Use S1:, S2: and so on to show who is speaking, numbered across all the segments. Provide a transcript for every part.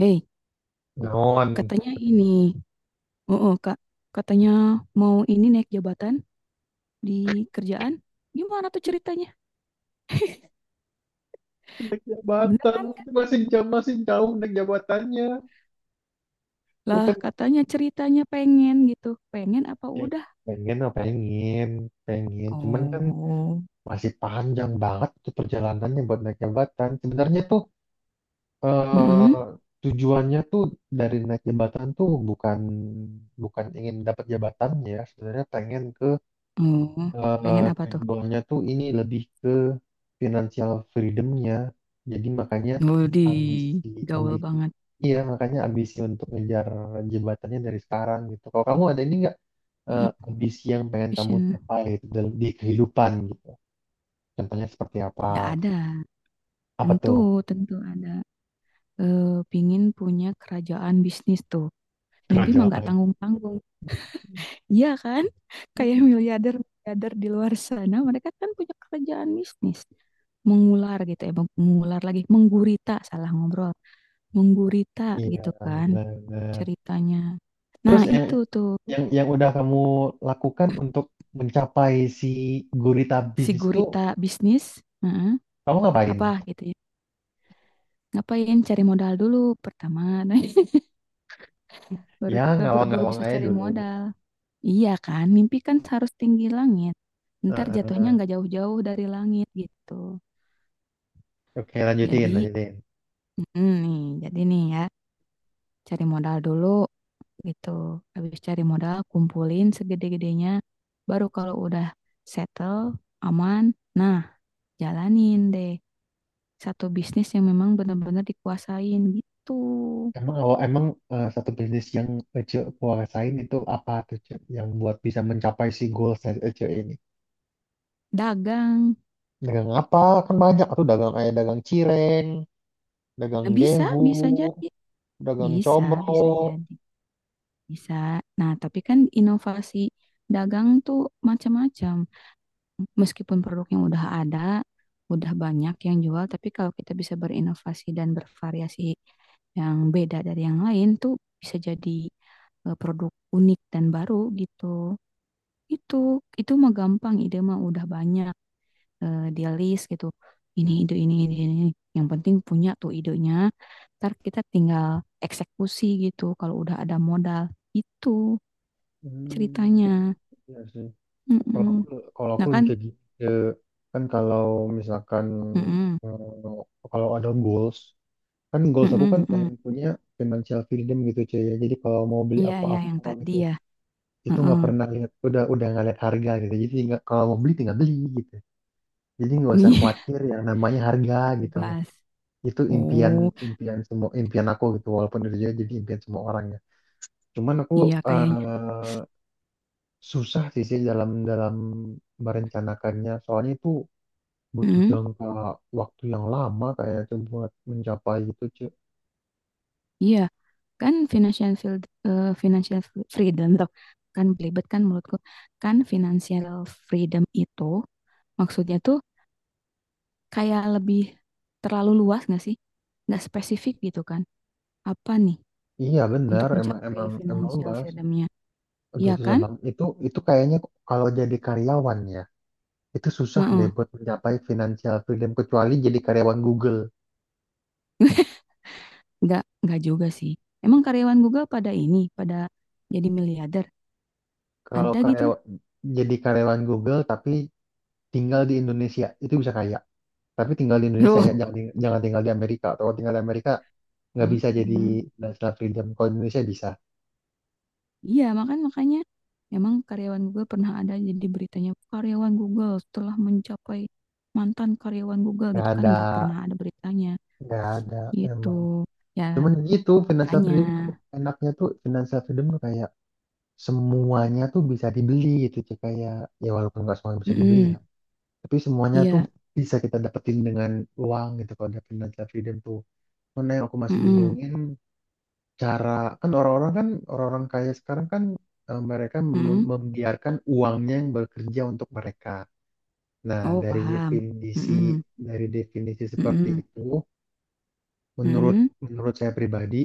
S1: Hei,
S2: Non.
S1: katanya ini, oh, Kak, katanya mau ini naik jabatan di kerjaan. Gimana tuh ceritanya?
S2: Naik jabatan
S1: Beneran
S2: itu masih jauh naik jabatannya
S1: lah,
S2: bukan
S1: katanya ceritanya pengen gitu. Pengen apa
S2: ya,
S1: udah?
S2: Pengen apa pengen. Pengen. Cuman kan
S1: Oh.
S2: masih panjang banget tuh perjalanannya buat naik jabatan. Sebenarnya tuh
S1: Mm.
S2: eh, tujuannya tuh dari naik jabatan tuh bukan bukan ingin dapat jabatannya. Sebenarnya pengen ke
S1: Oh, pengen apa tuh?
S2: tujuannya tuh ini lebih ke financial freedom-nya. Jadi makanya
S1: Oh, di
S2: ambisi,
S1: gaul
S2: ambisi,
S1: banget.
S2: iya makanya ambisi untuk ngejar jebatannya dari sekarang gitu. Kalau kamu ada ini nggak
S1: Mm-mm.
S2: ambisi yang pengen kamu
S1: Vision,
S2: capai gitu, dalam di kehidupan gitu? Contohnya seperti apa?
S1: ya ada.
S2: Apa
S1: Tentu,
S2: tuh?
S1: tentu ada. Pingin punya kerajaan bisnis tuh. Mimpi mah nggak
S2: Kerajaan.
S1: tanggung-tanggung. Iya kan? Kayak miliarder-miliarder di luar sana, mereka kan punya kerjaan bisnis. Mengular gitu ya, mengular lagi, menggurita, salah ngobrol. Menggurita
S2: Iya,
S1: gitu kan
S2: benar.
S1: ceritanya. Nah,
S2: Terus yang,
S1: itu tuh
S2: yang udah kamu lakukan untuk mencapai si gurita
S1: si
S2: bisnis itu,
S1: gurita bisnis, heeh,
S2: kamu ngapain?
S1: apa gitu ya. Ngapain cari modal dulu pertama, nah, baru,
S2: Ya,
S1: baru baru
S2: ngawang-ngawang
S1: bisa
S2: aja
S1: cari
S2: dulu.
S1: modal. Iya kan, mimpi kan harus tinggi langit. Ntar jatuhnya
S2: Heeh.
S1: nggak jauh-jauh dari langit gitu.
S2: Oke, lanjutin,
S1: Jadi,
S2: lanjutin.
S1: mm, nih, jadi nih ya, cari modal dulu gitu. Habis cari modal, kumpulin segede-gedenya. Baru kalau udah settle, aman, nah jalanin deh satu bisnis yang memang benar-benar dikuasain gitu.
S2: Emang awal emang satu bisnis yang Ece kuasain itu apa tuh Ece yang buat bisa mencapai si goals dari Ece ini?
S1: Dagang.
S2: Dagang apa? Kan banyak tuh dagang kayak dagang cireng, dagang
S1: Nah, bisa,
S2: gehu,
S1: bisa jadi.
S2: dagang
S1: Bisa,
S2: comro.
S1: bisa jadi. Bisa. Nah, tapi kan inovasi dagang tuh macam-macam. Meskipun produk yang udah ada, udah banyak yang jual, tapi kalau kita bisa berinovasi dan bervariasi yang beda dari yang lain tuh bisa jadi produk unik dan baru gitu. Itu itu mah gampang, ide mah udah banyak di list gitu. Ini ide ini ide ini. Yang penting punya tuh idenya. Ntar kita tinggal eksekusi gitu kalau udah ada modal. Itu
S2: Hmm,
S1: ceritanya.
S2: iya sih. Kalau
S1: Mm-mm.
S2: aku kalau aku
S1: Nah kan?
S2: lebih kayak gini. eh, kan kalau misalkan
S1: Mm-mm.
S2: kalau ada goals kan goals aku kan
S1: Mm-mm. Mm-mm.
S2: pengen punya financial freedom gitu cuy ya, jadi kalau mau beli
S1: Iya, ya, yang
S2: apa-apa
S1: tadi
S2: gitu
S1: ya.
S2: itu
S1: Heeh.
S2: nggak pernah lihat udah nggak lihat harga gitu, jadi tinggal kalau mau beli tinggal beli gitu jadi nggak usah
S1: Iya,
S2: khawatir yang namanya harga gitu loh.
S1: bebas.
S2: Itu impian
S1: Oh,
S2: impian semua impian aku gitu, walaupun itu juga jadi impian semua orang ya, cuman aku
S1: iya kayaknya.
S2: eh, susah sih sih dalam dalam merencanakannya, soalnya itu butuh
S1: Mm,
S2: jangka waktu yang lama kayak tuh buat mencapai gitu cuy.
S1: iya, kan financial field, eh, financial fr- freedom tuh. Kan belibet kan menurutku. Kan financial freedom itu maksudnya tuh kayak lebih terlalu luas nggak sih? Nggak spesifik gitu kan? Apa nih
S2: Iya
S1: untuk
S2: benar emang
S1: mencapai
S2: emang emang
S1: financial
S2: luas.
S1: freedomnya?
S2: Aduh,
S1: Iya
S2: itu susah
S1: kan?
S2: bang. Itu kayaknya kalau jadi karyawan ya, itu susah deh
S1: Heeh.
S2: buat mencapai financial freedom kecuali jadi karyawan Google.
S1: Nggak juga sih. Emang karyawan Google pada ini, pada jadi miliarder?
S2: Kalau
S1: Ada gitu?
S2: karyawan jadi karyawan Google tapi tinggal di Indonesia, itu bisa kaya. Tapi tinggal di Indonesia ya,
S1: Loh.
S2: jangan tinggal di Amerika. Atau kalau tinggal di Amerika nggak bisa jadi
S1: Mm-mm.
S2: financial freedom. Kalau di Indonesia bisa.
S1: Iya, makanya memang karyawan Google pernah ada jadi beritanya, karyawan Google setelah mencapai, mantan karyawan Google
S2: Nggak
S1: gitu kan
S2: ada,
S1: nggak pernah ada beritanya
S2: nggak ada
S1: gitu.
S2: emang.
S1: Ya,
S2: Cuman gitu financial
S1: makanya.
S2: freedom tuh enaknya tuh financial freedom tuh kayak semuanya tuh bisa dibeli gitu Ci. Kayak ya walaupun nggak semuanya bisa dibeli ya,
S1: Mm-mm.
S2: tapi semuanya tuh
S1: Iya.
S2: bisa kita dapetin dengan uang gitu kalau ada financial freedom tuh mana yang aku masih
S1: Mm-mm.
S2: bingungin cara. Kan orang-orang kan orang-orang kaya sekarang kan mereka
S1: Mm-mm.
S2: membiarkan uangnya yang bekerja untuk mereka. Nah
S1: Oh, paham. Mm-mm.
S2: dari definisi seperti
S1: Mm-mm.
S2: itu, menurut
S1: Mm-mm.
S2: menurut saya pribadi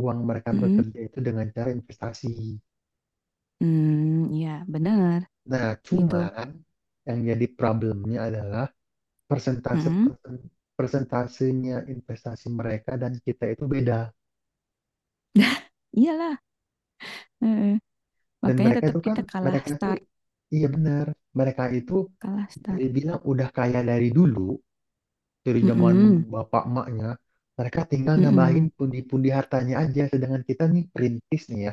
S2: uang mereka
S1: Mm-mm.
S2: bekerja itu dengan cara investasi.
S1: Mm, iya, bener
S2: Nah,
S1: gitu.
S2: cuman yang jadi problemnya adalah persentase
S1: Mm-mm.
S2: persen- persentasenya investasi mereka dan kita itu beda.
S1: Iyalah. Heeh.
S2: Dan
S1: Makanya
S2: mereka
S1: tetap
S2: itu kan,
S1: kita kalah
S2: mereka itu,
S1: start,
S2: iya benar, mereka itu
S1: kalah
S2: bisa
S1: start.
S2: dibilang udah kaya dari dulu, dari zaman
S1: Mm-mm.
S2: bapak emaknya, mereka tinggal nambahin
S1: Mm-mm.
S2: pundi-pundi hartanya aja, sedangkan kita nih perintis nih ya,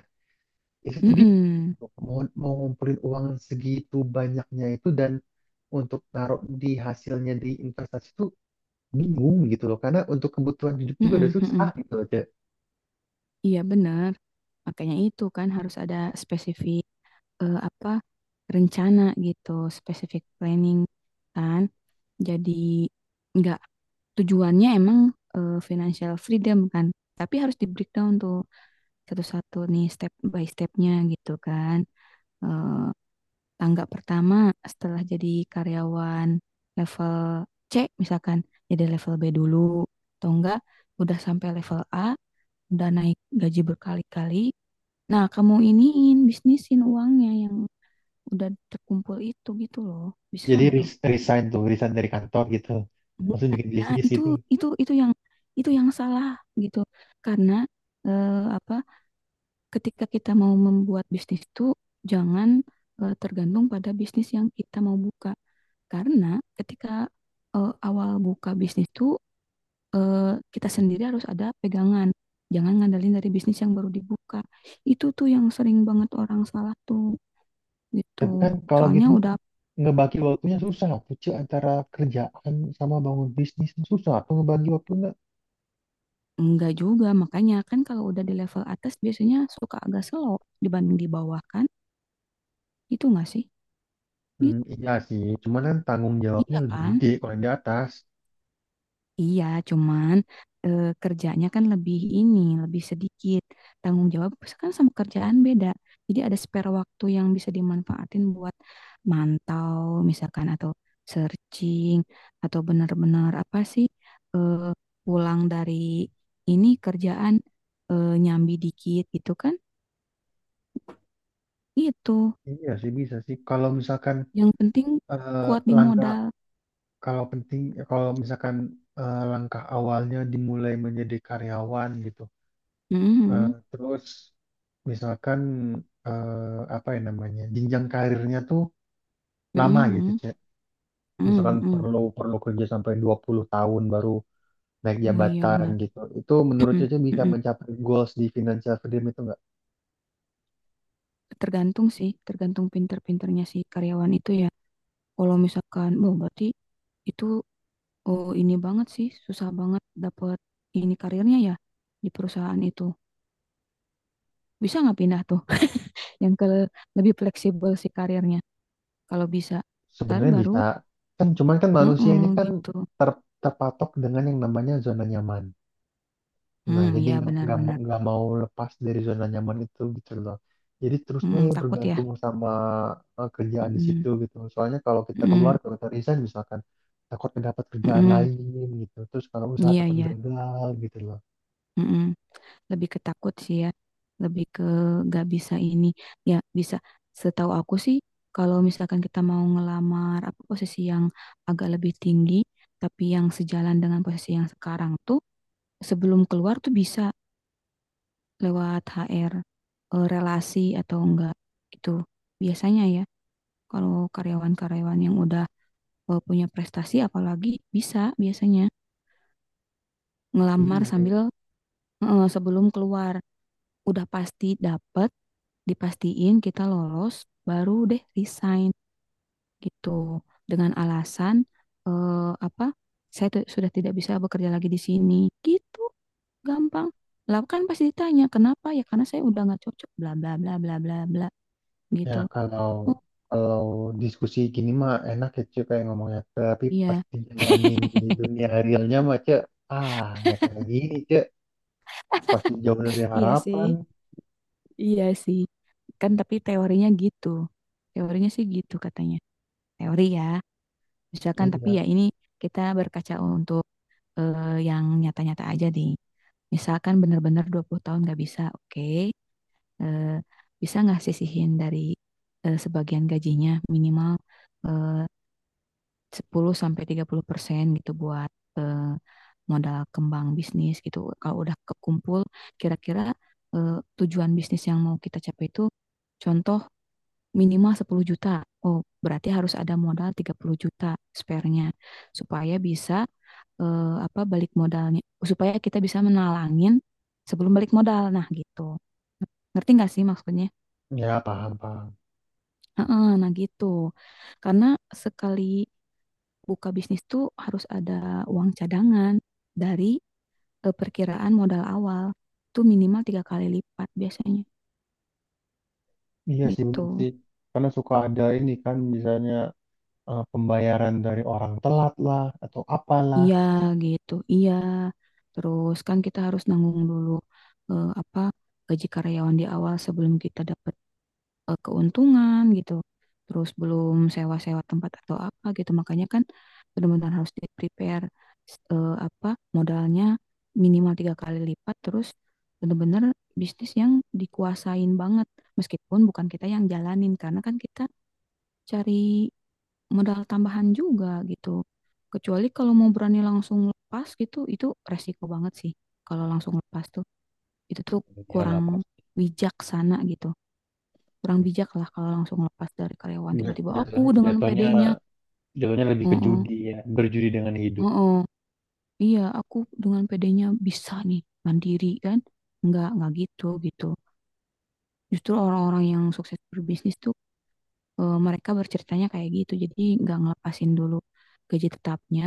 S2: itu tuh bingung.
S1: Mm-mm.
S2: Mau, mau ngumpulin uang segitu banyaknya itu dan untuk naruh di hasilnya di investasi itu bingung gitu loh, karena untuk kebutuhan hidup juga udah
S1: Mhm,
S2: susah
S1: mhm.
S2: gitu loh Cek.
S1: Iya benar. Makanya itu kan harus ada spesifik, apa, rencana gitu, spesifik planning kan. Jadi nggak, tujuannya emang financial freedom kan. Tapi harus di breakdown tuh satu-satu nih, step by stepnya gitu kan. Eh, Tangga pertama setelah jadi karyawan level C, misalkan jadi level B dulu, atau enggak udah sampai level A, udah naik gaji berkali-kali. Nah, kamu iniin, bisnisin uangnya yang udah terkumpul itu gitu loh. Bisa
S2: Jadi
S1: nggak tuh?
S2: resign tuh resign dari kantor gitu langsung
S1: Bisa.
S2: bikin
S1: Nah,
S2: bisnis
S1: itu
S2: gitu.
S1: itu itu yang itu yang salah gitu. Karena eh, apa? Ketika kita mau membuat bisnis itu jangan tergantung pada bisnis yang kita mau buka. Karena ketika awal buka bisnis itu, eh, kita sendiri harus ada pegangan. Jangan ngandelin dari bisnis yang baru dibuka. Itu tuh yang sering banget orang salah tuh,
S2: Tapi
S1: gitu.
S2: kan kalau gitu
S1: Soalnya
S2: mah
S1: udah.
S2: ngebagi waktunya susah Cek, antara kerjaan sama bangun bisnis tuh susah atau ngebagi waktunya.
S1: Enggak juga, makanya kan kalau udah di level atas biasanya suka agak slow dibanding di bawah kan? Itu enggak sih?
S2: Hmm,
S1: Gitu.
S2: iya sih, cuman kan tanggung jawabnya
S1: Iya
S2: lebih
S1: kan?
S2: gede kalau yang di atas.
S1: Iya, cuman kerjanya kan lebih ini, lebih sedikit. Tanggung jawab kan sama kerjaan beda. Jadi ada spare waktu yang bisa dimanfaatin buat mantau misalkan, atau searching, atau benar-benar apa sih, eh, pulang dari ini kerjaan nyambi dikit gitu kan. Itu
S2: Iya sih bisa sih kalau misalkan
S1: yang penting
S2: eh,
S1: kuat di
S2: langkah
S1: modal.
S2: kalau penting kalau misalkan langkah awalnya dimulai menjadi karyawan gitu. Eh,
S1: Mhm,
S2: terus misalkan apa ya namanya jenjang karirnya tuh lama gitu
S1: mhm,
S2: cek, misalkan
S1: mhm.
S2: perlu perlu kerja sampai 20 tahun baru naik
S1: Oh, iya
S2: jabatan
S1: benar.
S2: gitu, itu menurut Cece bisa
S1: Mhm.
S2: mencapai goals di financial freedom itu nggak?
S1: Tergantung sih, tergantung pinter-pinternya si karyawan itu ya. Kalau misalkan, oh berarti itu, oh ini banget sih, susah banget dapat ini karirnya ya di perusahaan itu. Bisa nggak pindah tuh yang ke lebih fleksibel si karirnya? Kalau bisa, ntar
S2: Sebenarnya bisa
S1: baru,
S2: kan, cuman kan manusia ini
S1: mhm,
S2: kan
S1: gitu.
S2: terpatok dengan yang namanya zona nyaman. Nah,
S1: Hmm,
S2: jadi
S1: iya
S2: nggak nggak mau
S1: benar-benar.
S2: nggak mau lepas dari zona nyaman itu gitu loh. Jadi terus gue
S1: Mhm, takut ya.
S2: bergantung sama kerjaan di
S1: Mhm,
S2: situ gitu. Soalnya kalau kita keluar
S1: mhm,
S2: kalau kita resign misalkan takut dapat kerjaan
S1: mhm.
S2: lain gitu. Terus kalau usaha
S1: Iya
S2: takut
S1: ya,
S2: gagal gitu loh.
S1: lebih ketakut sih ya, lebih ke gak bisa ini. Ya bisa. Setahu aku sih, kalau misalkan kita mau ngelamar apa posisi yang agak lebih tinggi, tapi yang sejalan dengan posisi yang sekarang tuh, sebelum keluar tuh bisa lewat HR, relasi atau enggak, itu biasanya ya. Kalau karyawan-karyawan yang udah punya prestasi, apalagi bisa, biasanya
S2: Iya
S1: ngelamar
S2: sih.
S1: sambil sebelum keluar udah pasti dapet, dipastiin kita lolos, baru deh resign gitu, dengan alasan eh, apa, saya sudah tidak bisa bekerja lagi di sini gitu. Gampang lah, kan pasti ditanya kenapa, ya karena saya udah nggak cocok, bla bla bla bla bla bla
S2: Ya
S1: gitu.
S2: kalau
S1: Oh,
S2: kalau diskusi gini mah enak ya cuy kayak ngomongnya. Tapi
S1: iya
S2: pasti jalanin di dunia realnya mah cuy. Ah, nggak kayak gini cuy. Pasti jauh dari
S1: iya sih,
S2: harapan.
S1: iya sih, kan tapi teorinya gitu, teorinya sih gitu katanya, teori ya misalkan, tapi
S2: Iya.
S1: ya ini kita berkaca untuk yang nyata-nyata aja deh. Misalkan benar-benar 20 tahun nggak bisa, oke. Eh, Bisa nggak sisihin dari sebagian gajinya, minimal eh, 10 sampai tiga puluh persen gitu buat eh, modal kembang bisnis gitu. Kalau udah kekumpul kira-kira eh, tujuan bisnis yang mau kita capai itu, contoh minimal 10 juta. Oh, berarti harus ada modal 30 juta, spare-nya, supaya bisa apa, balik modalnya, supaya kita bisa menalangin sebelum balik modal. Nah, gitu. Ngerti nggak sih maksudnya?
S2: Ya paham paham.
S1: Heeh, nah gitu. Karena sekali buka bisnis tuh harus ada uang cadangan dari perkiraan modal awal tuh minimal tiga kali lipat biasanya
S2: Iya sih
S1: gitu.
S2: bener sih. Karena suka ada ini kan misalnya pembayaran dari orang telat lah atau apalah.
S1: Iya gitu, iya. Terus kan kita harus nanggung dulu apa, gaji karyawan di awal sebelum kita dapat keuntungan gitu. Terus belum sewa-sewa tempat atau apa gitu. Makanya kan benar-benar harus di-prepare, apa, modalnya minimal tiga kali lipat. Terus benar-benar bisnis yang dikuasain banget. Meskipun bukan kita yang jalanin karena kan kita cari modal tambahan juga gitu. Kecuali kalau mau berani langsung lepas gitu, itu resiko banget sih. Kalau langsung lepas tuh, itu tuh
S2: Iyalah
S1: kurang
S2: pasti.
S1: bijaksana gitu. Kurang bijak lah kalau langsung lepas dari karyawan. Tiba-tiba
S2: Jatuhnya,
S1: aku dengan
S2: jatuhnya
S1: pedenya,
S2: jatuhnya lebih
S1: nya
S2: ke
S1: oh,
S2: judi ya, berjudi dengan hidup.
S1: oh, iya, aku dengan pedenya bisa nih mandiri kan. Nggak gitu gitu. Justru orang-orang yang sukses berbisnis tuh mereka berceritanya kayak gitu, jadi nggak ngelepasin dulu gaji tetapnya,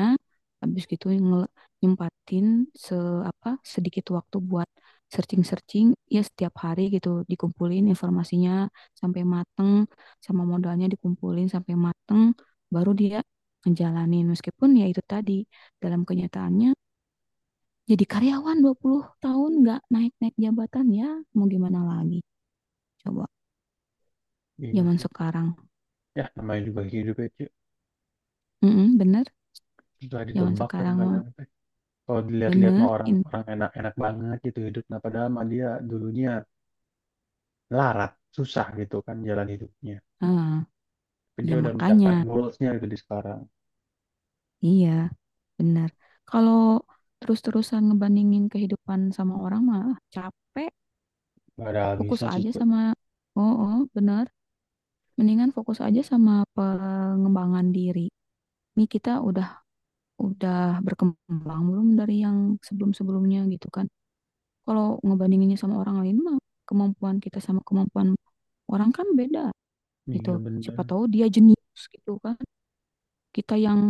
S1: habis gitu nyempatin se apa, sedikit waktu buat searching-searching ya setiap hari gitu, dikumpulin informasinya sampai mateng, sama modalnya dikumpulin sampai mateng, baru dia ngejalanin. Meskipun ya itu tadi, dalam kenyataannya jadi karyawan 20 tahun nggak naik-naik jabatan, ya mau gimana lagi, coba,
S2: Iya
S1: zaman
S2: sih. Cuk.
S1: sekarang.
S2: Ya namanya juga hidup ya, Cuk.
S1: Mm-mm, bener,
S2: Susah
S1: zaman
S2: ditebak
S1: sekarang mah.
S2: kadang-kadang. Teh. Kalau dilihat-lihat mah
S1: Bener,
S2: orang orang enak-enak banget gitu hidup. Nah padahal mah dia dulunya larat, susah gitu kan jalan hidupnya.
S1: ah,
S2: Tapi dia
S1: ya
S2: udah mencapai
S1: makanya,
S2: goalsnya gitu di sekarang.
S1: iya, bener. Kalau terus-terusan ngebandingin kehidupan sama orang mah, ah, capek,
S2: Gak ada
S1: fokus
S2: habisnya sih,
S1: aja
S2: Cuk.
S1: sama, oh, bener. Mendingan fokus aja sama pengembangan diri. Nih kita udah berkembang belum dari yang sebelum-sebelumnya gitu kan. Kalau ngebandinginnya sama orang lain mah, kemampuan kita sama kemampuan orang kan beda
S2: Iya
S1: gitu. Siapa
S2: bener.
S1: tahu dia jenius gitu kan, kita yang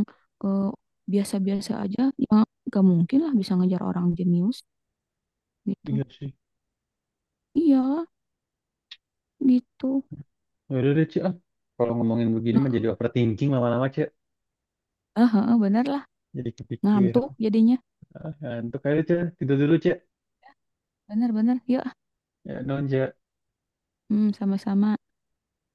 S1: eh, biasa-biasa aja ya, gak mungkin lah bisa ngejar orang jenius gitu,
S2: Iya sih.
S1: iya gitu.
S2: Ya udah deh, Ci. Ah. Kalau ngomongin begini mah jadi
S1: Nah,
S2: overthinking lama-lama, Ci.
S1: ah, bener lah,
S2: Jadi kepikir.
S1: ngantuk jadinya,
S2: Ah, ngantuk aja, Ci. Tidur dulu, Ci.
S1: bener-bener yuk ah.
S2: Ya, non, Ci. Ya.
S1: Hmm, sama-sama.